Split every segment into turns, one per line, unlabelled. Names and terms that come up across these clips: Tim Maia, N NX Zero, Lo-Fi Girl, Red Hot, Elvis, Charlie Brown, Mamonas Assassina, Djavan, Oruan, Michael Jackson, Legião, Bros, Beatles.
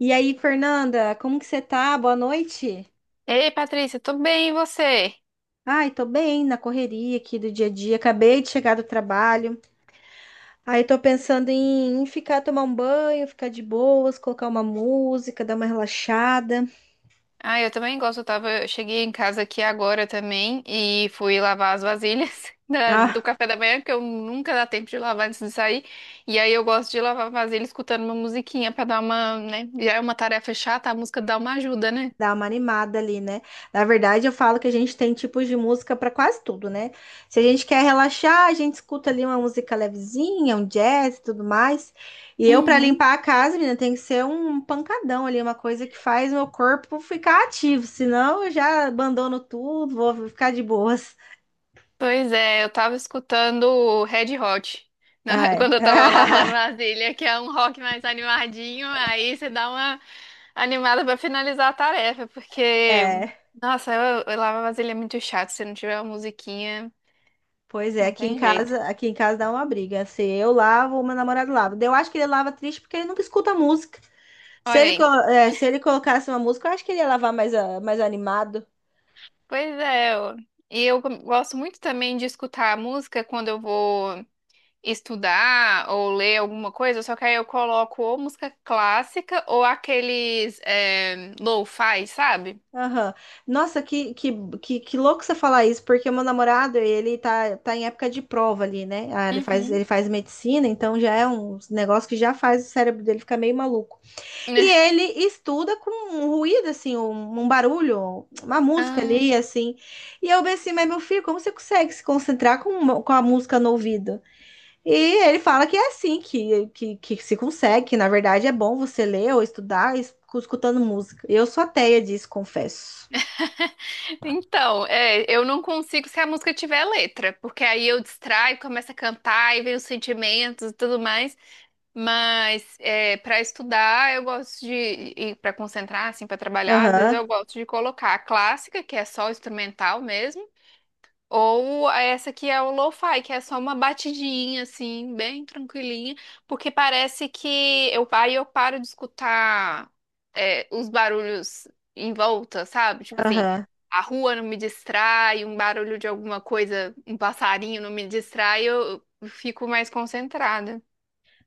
E aí, Fernanda, como que você tá? Boa noite.
Ei, Patrícia, tudo bem, e você?
Ai, tô bem na correria aqui do dia a dia. Acabei de chegar do trabalho. Aí tô pensando em ficar tomar um banho, ficar de boas, colocar uma música, dar uma relaxada.
Ah, eu também gosto. Eu cheguei em casa aqui agora também e fui lavar as vasilhas do
Ah,
café da manhã, porque eu nunca dá tempo de lavar antes de sair. E aí eu gosto de lavar vasilha escutando uma musiquinha pra dar uma, né? Já é uma tarefa chata, a música dá uma ajuda, né?
dá uma animada ali, né? Na verdade, eu falo que a gente tem tipos de música para quase tudo, né? Se a gente quer relaxar, a gente escuta ali uma música levezinha, um jazz e tudo mais. E eu, para
Uhum.
limpar a casa, menina, tem que ser um pancadão ali, uma coisa que faz meu corpo ficar ativo. Senão, eu já abandono tudo, vou ficar de boas.
Pois é, eu tava escutando Red Hot
Ah, é.
quando eu tava lavando vasilha, que é um rock mais animadinho, aí você dá uma animada pra finalizar a tarefa, porque,
É,
nossa, eu lavar vasilha é muito chato. Se não tiver uma musiquinha,
pois é,
não tem jeito.
aqui em casa dá uma briga. Se eu lavo, meu namorado lava. Daí eu acho que ele lava triste porque ele nunca escuta música. Se
Olha
ele, co-
aí.
Se ele colocasse uma música, eu acho que ele ia lavar mais, mais animado.
Pois é, gosto muito também de escutar a música quando eu vou estudar ou ler alguma coisa, só que aí eu coloco ou música clássica ou aqueles lo-fi, sabe?
Aham. Nossa, que louco você falar isso, porque o meu namorado, ele tá em época de prova ali, né? Ah, ele faz,
Uhum.
ele faz medicina, então já é um negócio que já faz o cérebro dele ficar meio maluco. E ele estuda com um ruído, assim, um barulho, uma música ali,
Ah,
assim. E eu pensei, mas meu filho, como você consegue se concentrar com a música no ouvido? E ele fala que é assim que se consegue, que na verdade é bom você ler ou estudar escutando música. Eu sou ateia disso, confesso.
então, eu não consigo se a música tiver letra, porque aí eu distraio, começo a cantar e vem os sentimentos e tudo mais. Mas é, para estudar, eu gosto de, e para concentrar, assim, para trabalhar, às vezes
Aham,
eu gosto de colocar a clássica, que é só instrumental mesmo. Ou essa que é o lo-fi, que é só uma batidinha, assim, bem tranquilinha, porque parece que aí eu paro de escutar os barulhos em volta, sabe? Tipo assim,
aham.
a rua não me distrai, um barulho de alguma coisa, um passarinho não me distrai, eu fico mais concentrada.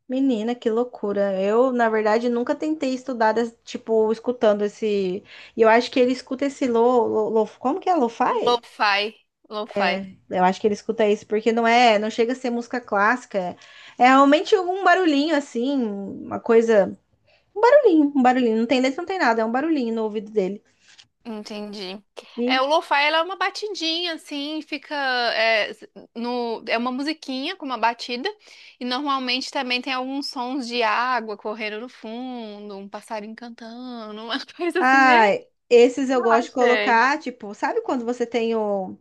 Menina, que loucura. Eu, na verdade, nunca tentei estudar, tipo, escutando esse. E eu acho que ele escuta esse como que é? Lo-fi?
Lo-fi, lo-fi.
É, eu acho que ele escuta isso, porque não chega a ser música clássica. É realmente um barulhinho assim, uma coisa. Um barulhinho. Não tem letra, não tem nada, é um barulhinho no ouvido dele.
Entendi. É,
E
o lo-fi ela é uma batidinha assim, fica é, s- no é uma musiquinha com uma batida e normalmente também tem alguns sons de água correndo no fundo, um passarinho cantando, uma coisa assim meio
Ah, esses eu gosto de
relaxante.
colocar, tipo, sabe quando você tem o,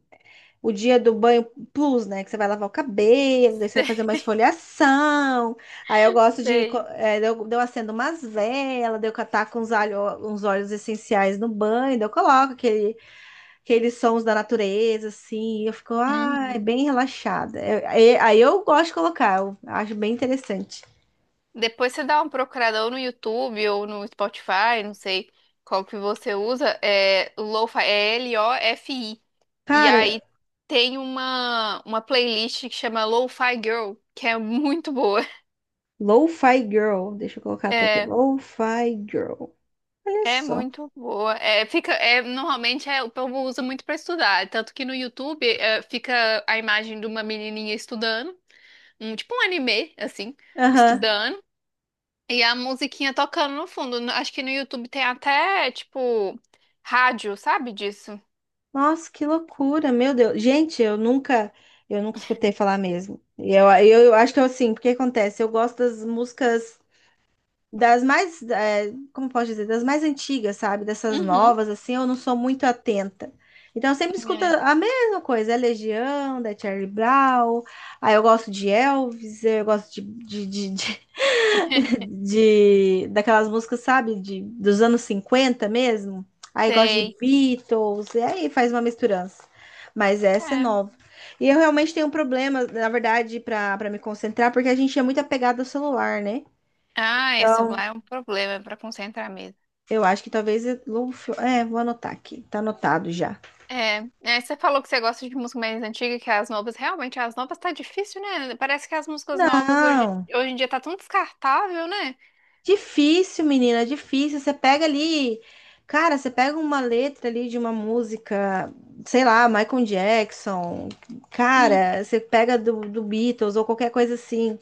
o dia do banho plus, né? Que você vai lavar o cabelo, daí você vai
Sei.
fazer uma esfoliação. Aí eu gosto de, co-
Sei.
é, daí eu, Daí eu acendo umas velas, daí eu catar com uns, alho, uns óleos essenciais no banho, daí eu coloco aquele, aqueles sons da natureza, assim, e eu fico, ai,
Uhum.
bem relaxada. Aí eu gosto de colocar, eu acho bem interessante.
Depois você dá uma procuradão no YouTube ou no Spotify, não sei qual que você usa, é Lo-Fi, é L-O-F-I. E
Cara,
aí tem uma playlist que chama Lo-Fi Girl, que é muito boa.
Lo-Fi Girl, deixa eu colocar até aqui,
É,
Lo-Fi Girl. Olha
é
só.
muito boa. É, fica, é, normalmente é, o povo usa muito para estudar, tanto que no YouTube é, fica a imagem de uma menininha estudando, um, tipo um anime, assim,
Aham.
estudando. E a musiquinha tocando no fundo. Acho que no YouTube tem até, tipo, rádio, sabe disso?
Nossa, que loucura, meu Deus. Gente, eu nunca escutei falar mesmo. Eu acho que eu assim, porque acontece, eu gosto das músicas das mais, eh, como posso dizer, das mais antigas, sabe? Dessas
Uhum.
novas, assim, eu não sou muito atenta. Então, eu sempre escuto
É.
a mesma coisa, é Legião, da Charlie Brown, aí eu gosto de Elvis, eu gosto de daquelas músicas, sabe, de, dos anos 50 mesmo. Aí gosta de
Sei.
Beatles, e aí faz uma misturança. Mas essa é
É.
nova. E eu realmente tenho um problema, na verdade, para me concentrar, porque a gente é muito apegado ao celular, né?
Ah, esse
Então,
celular é um problema pra concentrar mesmo.
eu acho que talvez vou anotar aqui. Tá anotado já.
É, é, você falou que você gosta de música mais antiga que as novas. Realmente, as novas tá difícil, né? Parece que as músicas novas
Não.
hoje em dia tá tão descartável, né?
Difícil, menina, é difícil. Você pega ali, cara, você pega uma letra ali de uma música, sei lá, Michael Jackson,
Hum.
cara, você pega do Beatles ou qualquer coisa assim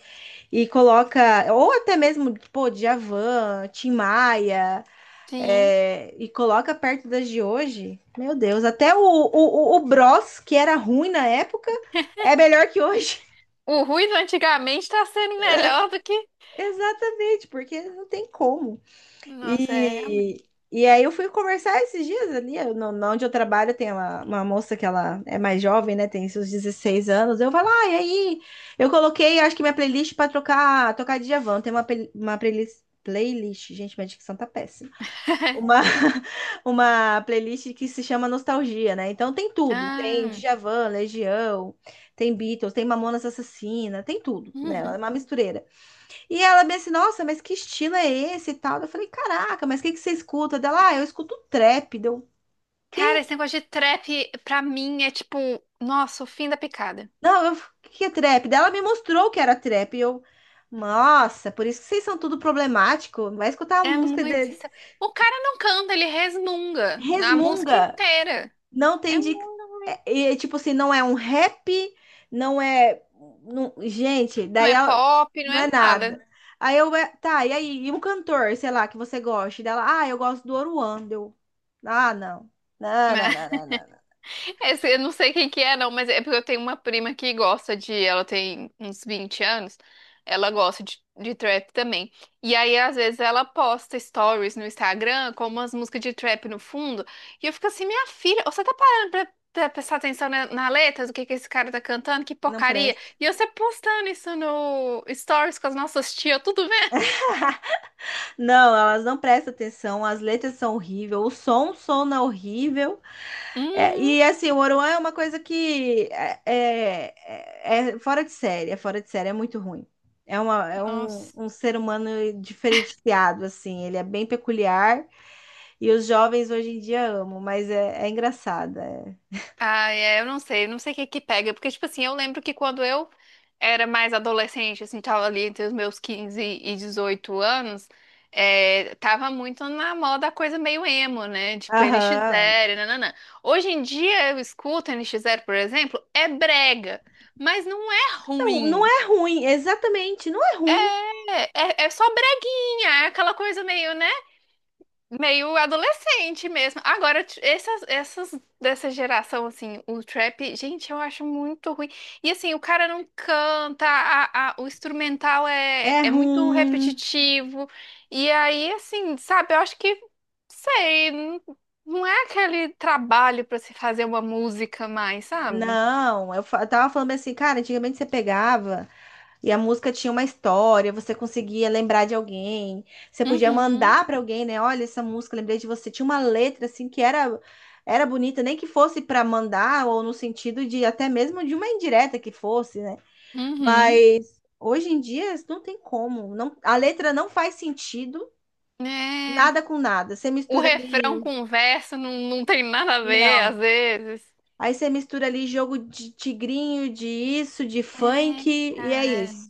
e coloca, ou até mesmo, pô, Djavan, Tim Maia,
Sim.
é, e coloca perto das de hoje. Meu Deus, até o Bros, que era ruim na época, é melhor que hoje.
O ruído antigamente tá sendo melhor do que.
Exatamente, porque não tem como.
Nossa, é realmente.
E, e aí eu fui conversar esses dias ali, no, no onde eu trabalho tem uma moça que ela é mais jovem, né, tem seus 16 anos, eu falo, ah, e aí? Eu coloquei, acho que minha playlist para trocar, tocar Djavan, tem uma playlist, gente, minha dicção tá péssima, uma, uma playlist que se chama Nostalgia, né, então tem tudo, tem
Ah.
Djavan, Legião, tem Beatles, tem Mamonas Assassina, tem tudo nela, é
Uhum.
uma mistureira. E ela me assim, nossa, mas que estilo é esse e tal? Eu falei, caraca, mas o que que você escuta? Dela, ah, eu escuto trap. Deu,
Cara,
quê?
esse negócio de trap, pra mim, é tipo, nossa, o fim da picada.
Não, eu, o que que é trap? Daí ela me mostrou o que era trap. E eu, nossa, por isso que vocês são tudo problemático. Vai escutar a
É
música
muito.
deles.
O cara não canta, ele resmunga na música
Resmunga.
inteira.
Não tem
É
de.
muito ruim.
É, é, tipo assim, não é um rap, não é. não- gente,
Não
daí
é
a-
pop, não
não
é
é
nada.
nada. Tá, e aí? E um cantor, sei lá, que você gosta dela? Ah, eu gosto do oruando, ah, não. Não, não,
Né?
não, não, não. Não.
Esse, eu não sei quem que é, não, mas é porque eu tenho uma prima que gosta de. Ela tem uns 20 anos. Ela gosta de trap também. E aí, às vezes, ela posta stories no Instagram com umas músicas de trap no fundo. E eu fico assim, minha filha, você tá parando pra, pra prestar atenção na letra do que esse cara tá cantando? Que
Não
porcaria!
presta.
E você postando isso no stories com as nossas tias, tudo vendo?
Não, elas não prestam atenção, as letras são horríveis, o som é horrível. É,
Uhum.
e assim, o Oruan é uma coisa que é fora de série, é fora de série, é muito ruim.
Nossa.
Um ser humano diferenciado, assim, ele é bem peculiar e os jovens hoje em dia amam, mas é, é engraçado. É.
Ah, é, eu não sei, não sei o que que pega, porque, tipo assim, eu lembro que quando eu era mais adolescente, assim, tava ali entre os meus 15 e 18 anos, é, tava muito na moda a coisa meio emo, né? Tipo N NX
Aham.
Zero, nananã. Hoje em dia eu escuto N NX Zero, por exemplo, é brega, mas não é
Não, não
ruim.
é ruim, exatamente, não é ruim.
É, é, é só breguinha, é aquela coisa meio, né? Meio adolescente mesmo. Agora, essas dessa geração, assim, o trap, gente, eu acho muito ruim. E assim, o cara não canta, o instrumental
É
é muito
ruim.
repetitivo. E aí, assim, sabe, eu acho que, sei, não, não é aquele trabalho pra se fazer uma música mais, sabe?
Não, eu, fa- Eu tava falando assim, cara, antigamente você pegava. E a música tinha uma história, você conseguia lembrar de alguém, você podia
Uhum,
mandar para alguém, né? Olha essa música, lembrei de você. Tinha uma letra assim que era bonita, nem que fosse para mandar ou no sentido de até mesmo de uma indireta que fosse, né?
uhum.
Mas hoje em dia não tem como, não, a letra não faz sentido,
É,
nada com nada. Você
o
mistura
refrão
ali,
com o verso não tem nada a ver,
não.
às vezes.
Aí você mistura ali jogo de tigrinho, de isso, de funk, e é
É,
isso.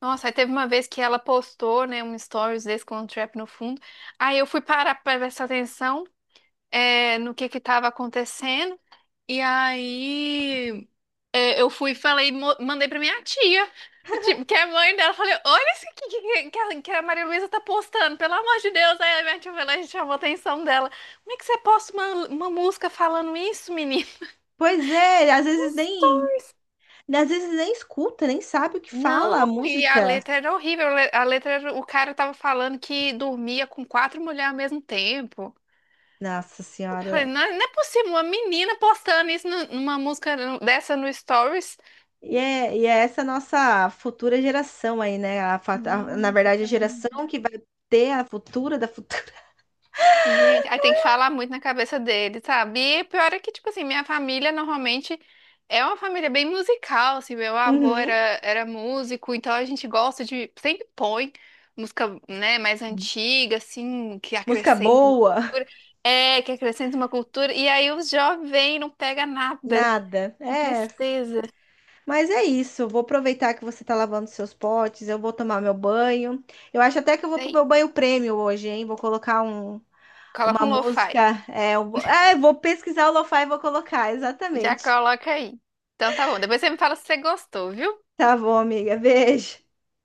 nossa, aí teve uma vez que ela postou, né, um stories desse com um trap no fundo. Aí eu fui parar pra prestar atenção, no que tava acontecendo. E aí eu fui e falei, mandei pra minha tia, tipo, que é mãe dela. Falei, olha isso que a Maria Luísa tá postando, pelo amor de Deus. Aí a minha tia foi lá e chamou a atenção dela. Como é que você posta uma música falando isso, menino?
Pois é, às vezes nem E às vezes nem escuta, nem sabe o que fala a
Não, e a
música.
letra era horrível. A letra, o cara tava falando que dormia com quatro mulheres ao mesmo tempo.
Nossa
Eu falei,
Senhora.
não, é, não é possível, uma menina postando isso numa música dessa no Stories.
E é essa nossa futura geração aí, né? Na
Nossa,
verdade, a
pelo amor.
geração que vai ter a futura da futura.
Gente, aí tem que falar muito na cabeça dele, sabe? E pior é que, tipo assim, minha família normalmente é uma família bem musical, assim, meu avô
Uhum.
era músico, então a gente gosta de, sempre põe música, né, mais antiga, assim, que
Música
acrescenta uma
boa,
cultura, é, que acrescenta uma cultura, e aí os jovens não pega nada,
nada.
que
É,
tristeza.
mas é isso. Eu vou aproveitar que você tá lavando seus potes, eu vou tomar meu banho. Eu acho até que eu vou pro
Aí,
meu banho prêmio hoje, hein?
coloca
Uma
um lo-fi,
música. Vou pesquisar o lo-fi e vou colocar,
já
exatamente.
coloca aí. Então tá bom, depois você me fala se você gostou, viu?
Tá bom, amiga. Beijo.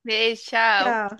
Beijo, tchau.
Tchau.